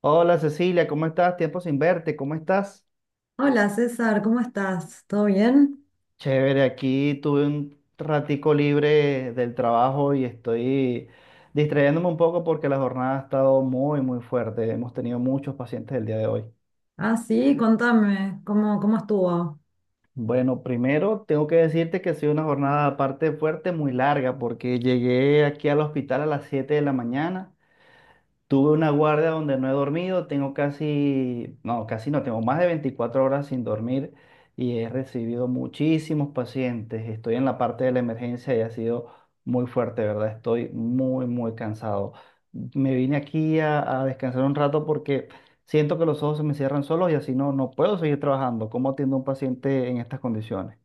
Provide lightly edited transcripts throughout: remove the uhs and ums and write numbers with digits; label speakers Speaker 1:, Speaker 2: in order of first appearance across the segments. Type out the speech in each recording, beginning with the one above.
Speaker 1: Hola Cecilia, ¿cómo estás? Tiempo sin verte, ¿cómo estás?
Speaker 2: Hola César, ¿cómo estás? ¿Todo bien?
Speaker 1: Chévere, aquí tuve un ratico libre del trabajo y estoy distrayéndome un poco porque la jornada ha estado muy, muy fuerte. Hemos tenido muchos pacientes el día de hoy.
Speaker 2: Ah, sí, contame, ¿cómo estuvo?
Speaker 1: Bueno, primero tengo que decirte que ha sido una jornada aparte fuerte, muy larga, porque llegué aquí al hospital a las 7 de la mañana. Tuve una guardia donde no he dormido, tengo casi no, tengo más de 24 horas sin dormir y he recibido muchísimos pacientes. Estoy en la parte de la emergencia y ha sido muy fuerte, ¿verdad? Estoy muy, muy cansado. Me vine aquí a descansar un rato porque siento que los ojos se me cierran solos y así no, no puedo seguir trabajando. ¿Cómo atiendo a un paciente en estas condiciones?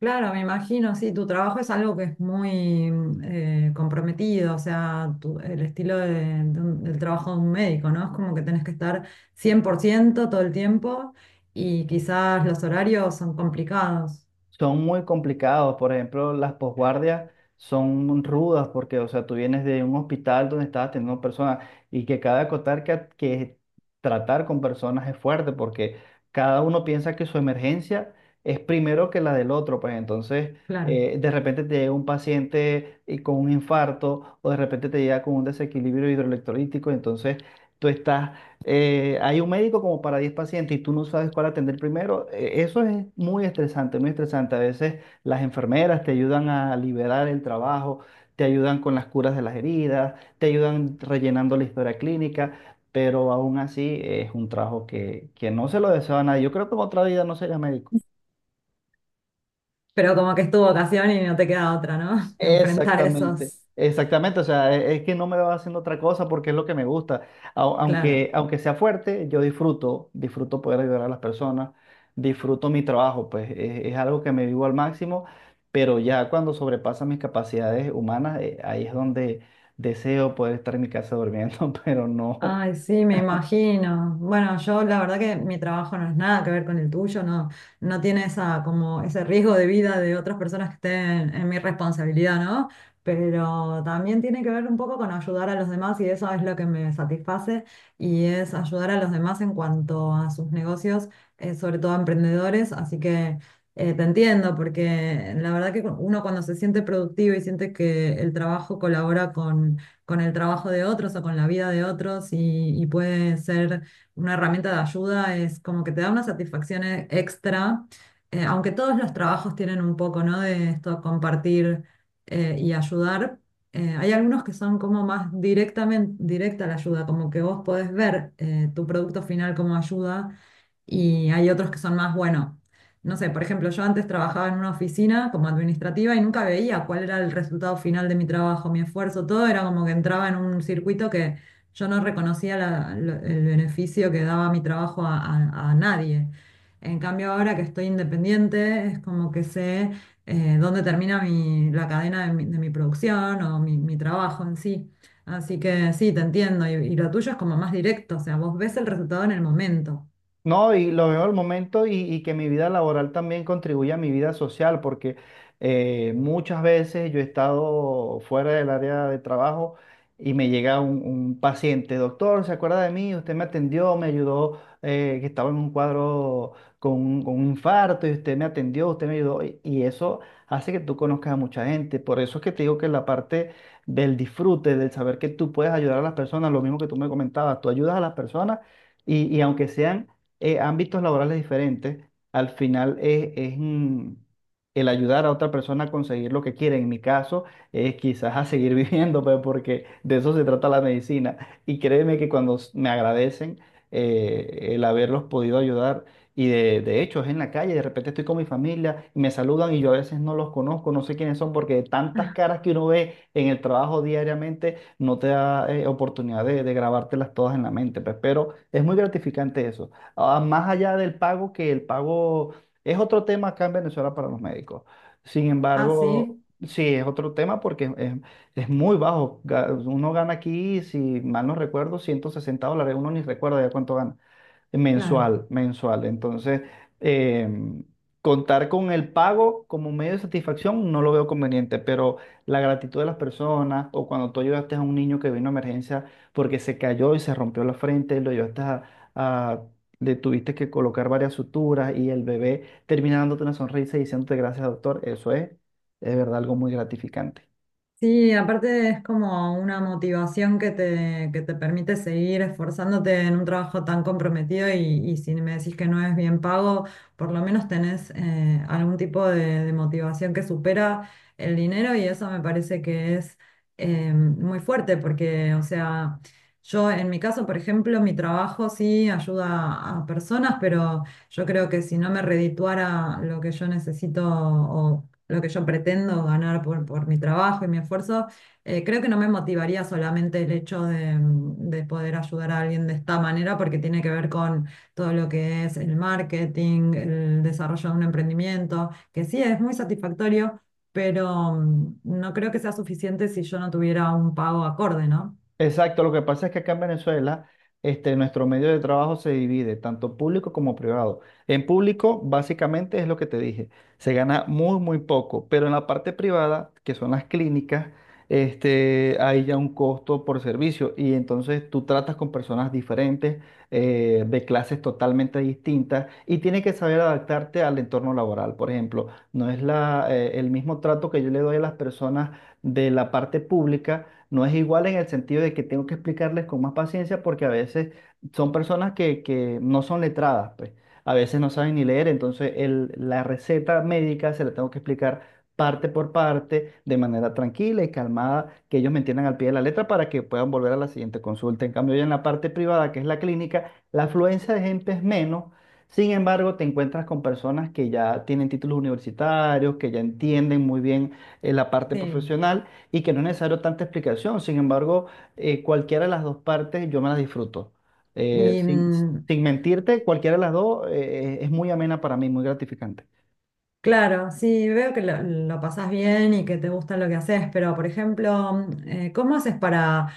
Speaker 2: Claro, me imagino, sí, tu trabajo es algo que es muy comprometido, o sea, tu- el estilo de un- del trabajo de un médico, ¿no? Es como que tenés que estar 100% todo el tiempo y quizás los horarios son complicados,
Speaker 1: Son muy complicados. Por ejemplo, las posguardias son rudas porque, o sea, tú vienes de un hospital donde estabas teniendo personas y que cada acotar que tratar con personas es fuerte porque cada uno piensa que su emergencia es primero que la del otro. Pues entonces,
Speaker 2: claro.
Speaker 1: de repente te llega un paciente y con un infarto o de repente te llega con un desequilibrio hidroelectrolítico. Entonces, tú estás hay un médico como para 10 pacientes y tú no sabes cuál atender primero. Eso es muy estresante, muy estresante. A veces las enfermeras te ayudan a liberar el trabajo, te ayudan con las curas de las heridas, te ayudan rellenando la historia clínica, pero aún así es un trabajo que no se lo deseo a nadie. Yo creo que en otra vida no sería médico.
Speaker 2: Pero como que es tu vocación y no te queda otra, ¿no? Que enfrentar
Speaker 1: Exactamente,
Speaker 2: esos,
Speaker 1: exactamente, o sea, es que no me va haciendo otra cosa porque es lo que me gusta. Au-
Speaker 2: claro.
Speaker 1: Aunque, aunque sea fuerte, yo disfruto, poder ayudar a las personas, disfruto mi trabajo, pues es algo que me vivo al máximo, pero ya cuando sobrepasa mis capacidades humanas, ahí es donde deseo poder estar en mi casa durmiendo, pero no.
Speaker 2: Ay, sí, me imagino. Bueno, yo la verdad que mi trabajo no es nada que ver con el tuyo, no, no tiene esa, como ese riesgo de vida de otras personas que estén en mi responsabilidad, ¿no? Pero también tiene que ver un poco con ayudar a los demás y eso es lo que me satisface y es ayudar a los demás en cuanto a sus negocios, sobre todo a emprendedores. Así que te entiendo porque la verdad que uno cuando se siente productivo y siente que el trabajo colabora con el trabajo de otros o con la vida de otros y puede ser una herramienta de ayuda, es como que te da una satisfacción extra, aunque todos los trabajos tienen un poco, ¿no? De esto compartir y ayudar. Hay algunos que son como más directamente directa la ayuda, como que vos podés ver tu producto final como ayuda y hay otros que son más, bueno. No sé, por ejemplo, yo antes trabajaba en una oficina como administrativa y nunca veía cuál era el resultado final de mi trabajo, mi esfuerzo, todo era como que entraba en un circuito que yo no reconocía el beneficio que daba mi trabajo a nadie. En cambio, ahora que estoy independiente, es como que sé dónde termina la cadena de mi producción o mi trabajo en sí. Así que sí, te entiendo. Y lo tuyo es como más directo, o sea, vos ves el resultado en el momento.
Speaker 1: No, y lo veo al momento y que mi vida laboral también contribuye a mi vida social, porque muchas veces yo he estado fuera del área de trabajo y me llega un paciente. Doctor, ¿se acuerda de mí? Usted me atendió, me ayudó, que estaba en un cuadro con un infarto, y usted me atendió, usted me ayudó, y eso hace que tú conozcas a mucha gente. Por eso es que te digo que la parte del disfrute, del saber que tú puedes ayudar a las personas, lo mismo que tú me comentabas, tú ayudas a las personas, y aunque sean ámbitos laborales diferentes, al final es, el ayudar a otra persona a conseguir lo que quiere. En mi caso, es quizás a seguir viviendo, pues, porque de eso se trata la medicina. Y créeme que cuando me agradecen el haberlos podido ayudar, y de hecho es en la calle, de repente estoy con mi familia y me saludan y yo a veces no los conozco, no sé quiénes son, porque de tantas caras que uno ve en el trabajo diariamente, no te da oportunidad de grabártelas todas en la mente, pues, pero es muy gratificante eso, ah, más allá del pago, que el pago es otro tema acá en Venezuela para los médicos. Sin
Speaker 2: Ah,
Speaker 1: embargo,
Speaker 2: sí,
Speaker 1: sí, es otro tema porque es muy bajo. Uno gana aquí, si mal no recuerdo, 160 dólares. Uno ni recuerda ya cuánto gana
Speaker 2: claro.
Speaker 1: mensual, mensual. Entonces, em, contar con el pago como medio de satisfacción no lo veo conveniente, pero la gratitud de las personas o cuando tú ayudaste a un niño que vino a emergencia porque se cayó y se rompió la frente, lo ayudaste a- le tuviste que colocar varias suturas y el bebé termina dándote una sonrisa y diciéndote gracias, doctor, eso es verdad, algo muy gratificante.
Speaker 2: Sí, aparte es como una motivación que te permite seguir esforzándote en un trabajo tan comprometido y si me decís que no es bien pago, por lo menos tenés algún tipo de motivación que supera el dinero y eso me parece que es muy fuerte porque, o sea, yo en mi caso, por ejemplo, mi trabajo sí ayuda a personas, pero yo creo que si no me redituara lo que yo necesito o lo que yo pretendo ganar por mi trabajo y mi esfuerzo, creo que no me motivaría solamente el hecho de poder ayudar a alguien de esta manera, porque tiene que ver con todo lo que es el marketing, el desarrollo de un emprendimiento, que sí es muy satisfactorio, pero no creo que sea suficiente si yo no tuviera un pago acorde, ¿no?
Speaker 1: Exacto, lo que pasa es que acá en Venezuela, nuestro medio de trabajo se divide tanto público como privado. En público, básicamente es lo que te dije, se gana muy, muy poco, pero en la parte privada, que son las clínicas, hay ya un costo por servicio y entonces tú tratas con personas diferentes, de clases totalmente distintas, y tienes que saber adaptarte al entorno laboral. Por ejemplo, no es el mismo trato que yo le doy a las personas de la parte pública, no es igual, en el sentido de que tengo que explicarles con más paciencia porque a veces son personas que no son letradas, pues. A veces no saben ni leer, entonces la receta médica se la tengo que explicar parte por parte, de manera tranquila y calmada, que ellos me entiendan al pie de la letra para que puedan volver a la siguiente consulta. En cambio, ya en la parte privada, que es la clínica, la afluencia de gente es menos. Sin embargo, te encuentras con personas que ya tienen títulos universitarios, que ya entienden muy bien la parte
Speaker 2: Sí.
Speaker 1: profesional y que no es necesario tanta explicación. Sin embargo, cualquiera de las dos partes yo me las disfruto. Eh,
Speaker 2: Y
Speaker 1: sin,
Speaker 2: mm,
Speaker 1: sin mentirte, cualquiera de las dos es muy amena para mí, muy gratificante.
Speaker 2: Claro, sí, veo que lo pasás bien y que te gusta lo que haces, pero por ejemplo, ¿cómo haces para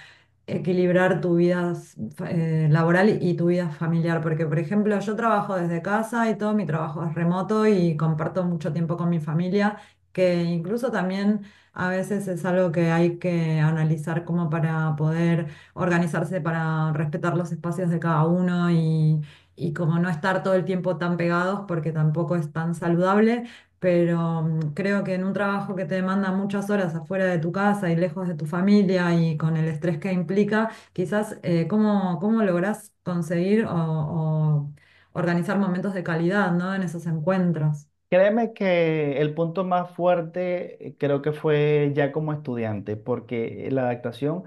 Speaker 2: equilibrar tu vida laboral y tu vida familiar? Porque por ejemplo, yo trabajo desde casa y todo mi trabajo es remoto y comparto mucho tiempo con mi familia, que incluso también a veces es algo que hay que analizar como para poder organizarse, para respetar los espacios de cada uno y... Y como no estar todo el tiempo tan pegados porque tampoco es tan saludable, pero creo que en un trabajo que te demanda muchas horas afuera de tu casa y lejos de tu familia y con el estrés que implica, quizás cómo lográs conseguir o organizar momentos de calidad, ¿no? En esos encuentros.
Speaker 1: Créeme que el punto más fuerte, creo que fue ya como estudiante, porque la adaptación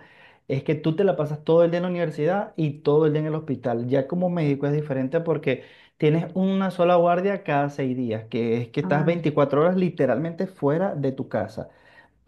Speaker 1: es que tú te la pasas todo el día en la universidad y todo el día en el hospital. Ya como médico es diferente porque tienes una sola guardia cada 6 días, que es que estás
Speaker 2: Ah,
Speaker 1: 24 horas literalmente fuera de tu casa.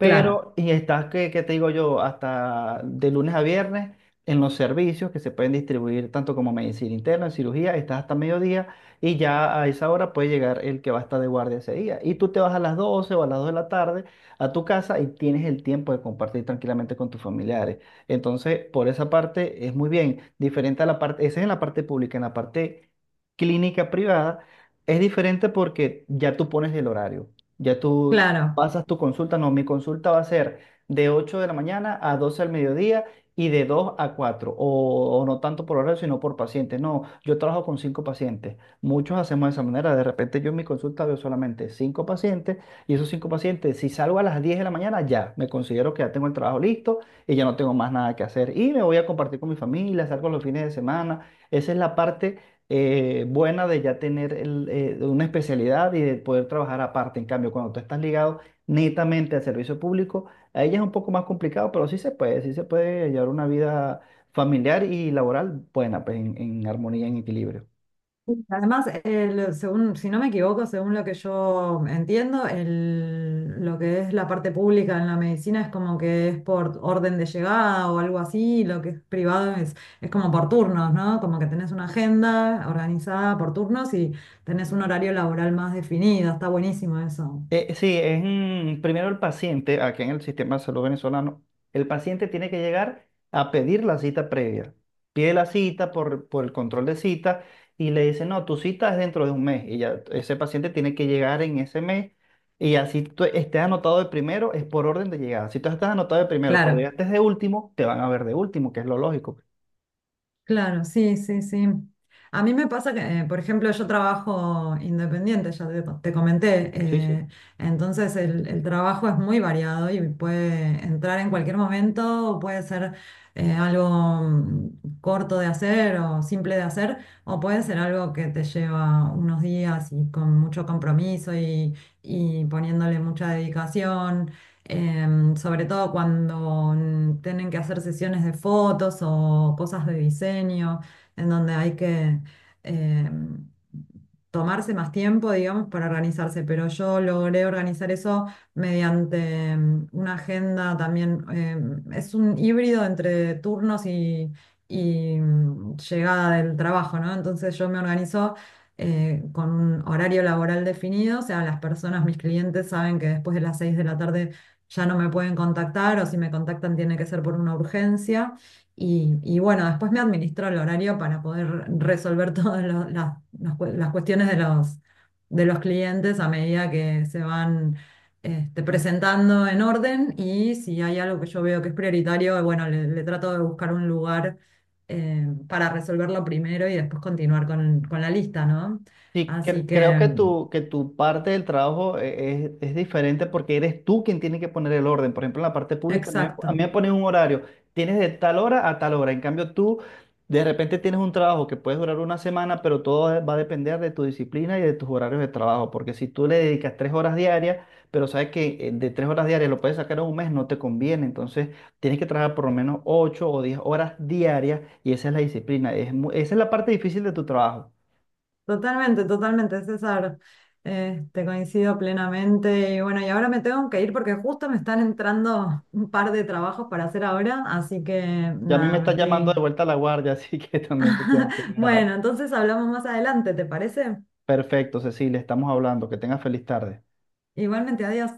Speaker 2: claro,
Speaker 1: y está, que te digo yo? Hasta de lunes a viernes, en los servicios que se pueden distribuir tanto como medicina interna, en cirugía, estás hasta mediodía y ya a esa hora puede llegar el que va a estar de guardia ese día. Y tú te vas a las 12 o a las 2 de la tarde a tu casa y tienes el tiempo de compartir tranquilamente con tus familiares. Entonces, por esa parte es muy bien. Diferente a la parte, esa es en la parte pública. En la parte clínica privada es diferente porque ya tú pones el horario. Ya tú
Speaker 2: claro.
Speaker 1: pasas tu consulta, no, mi consulta va a ser de 8 de la mañana a 12 al mediodía y de 2 a cuatro, o no tanto por horario, sino por pacientes. No, yo trabajo con 5 pacientes, muchos hacemos de esa manera, de repente yo en mi consulta veo solamente 5 pacientes y esos 5 pacientes, si salgo a las 10 de la mañana, ya me considero que ya tengo el trabajo listo y ya no tengo más nada que hacer y me voy a compartir con mi familia, salgo los fines de semana. Esa es la parte buena de ya tener una especialidad y de poder trabajar aparte. En cambio, cuando tú estás ligado netamente al servicio público, a ella es un poco más complicado, pero sí se puede llevar una vida familiar y laboral buena, pues, en armonía, en equilibrio.
Speaker 2: Además, según, si no me equivoco, según lo que yo entiendo, lo que es la parte pública en la medicina es como que es por orden de llegada o algo así, y lo que es privado es como por turnos, ¿no? Como que tenés una agenda organizada por turnos y tenés un horario laboral más definido, está buenísimo eso.
Speaker 1: Sí, es primero el paciente. Aquí en el sistema de salud venezolano, el paciente tiene que llegar a pedir la cita previa. Pide la cita por el control de cita y le dice, no, tu cita es dentro de un mes. Y ya ese paciente tiene que llegar en ese mes y así tú estés anotado de primero, es por orden de llegada. Si tú estás anotado de primero, pero
Speaker 2: Claro.
Speaker 1: llegaste de último, te van a ver de último, que es lo lógico.
Speaker 2: Claro, sí, sí, sí. A mí me pasa que, por ejemplo, yo trabajo independiente, ya te comenté,
Speaker 1: Sí, sí.
Speaker 2: entonces el trabajo es muy variado y puede entrar en cualquier momento, puede ser algo corto de hacer o simple de hacer, o puede ser algo que te lleva unos días y con mucho compromiso y poniéndole mucha dedicación sobre todo cuando tienen que hacer sesiones de fotos o cosas de diseño, en donde hay que em, tomarse más tiempo, digamos, para organizarse, pero yo logré organizar eso mediante una agenda también, es un híbrido entre turnos y llegada del trabajo, ¿no? Entonces yo me organizo con un horario laboral definido, o sea, las personas, mis clientes saben que después de las 6 de la tarde ya no me pueden contactar o si me contactan tiene que ser por una urgencia. Y bueno, después me administro el horario para poder resolver las las cuestiones de los clientes a medida que se van presentando en orden y si hay algo que yo veo que es prioritario, bueno, le trato de buscar un lugar para resolverlo primero y después continuar con la lista, ¿no?
Speaker 1: Sí,
Speaker 2: Así
Speaker 1: creo
Speaker 2: que,
Speaker 1: que que tu parte del trabajo, es diferente porque eres tú quien tiene que poner el orden. Por ejemplo, en la parte pública, a mí
Speaker 2: exacto.
Speaker 1: me ponen un horario, tienes de tal hora a tal hora. En cambio, tú de repente tienes un trabajo que puede durar una semana, pero todo va a depender de tu disciplina y de tus horarios de trabajo. Porque si tú le dedicas 3 horas diarias, pero sabes que, de 3 horas diarias lo puedes sacar en un mes, no te conviene. Entonces, tienes que trabajar por lo menos 8 o 10 horas diarias y esa es la disciplina. Esa es la parte difícil de tu trabajo.
Speaker 2: Totalmente, totalmente, César. Te coincido plenamente. Y bueno, y ahora me tengo que ir porque justo me están entrando un par de trabajos para hacer ahora, así que
Speaker 1: Ya a mí me
Speaker 2: nada, me
Speaker 1: está llamando de
Speaker 2: estoy...
Speaker 1: vuelta a la guardia, así que también te tengo que dejar.
Speaker 2: Bueno, entonces hablamos más adelante, ¿te parece?
Speaker 1: Perfecto, Cecilia, estamos hablando. Que tengas feliz tarde.
Speaker 2: Igualmente, adiós.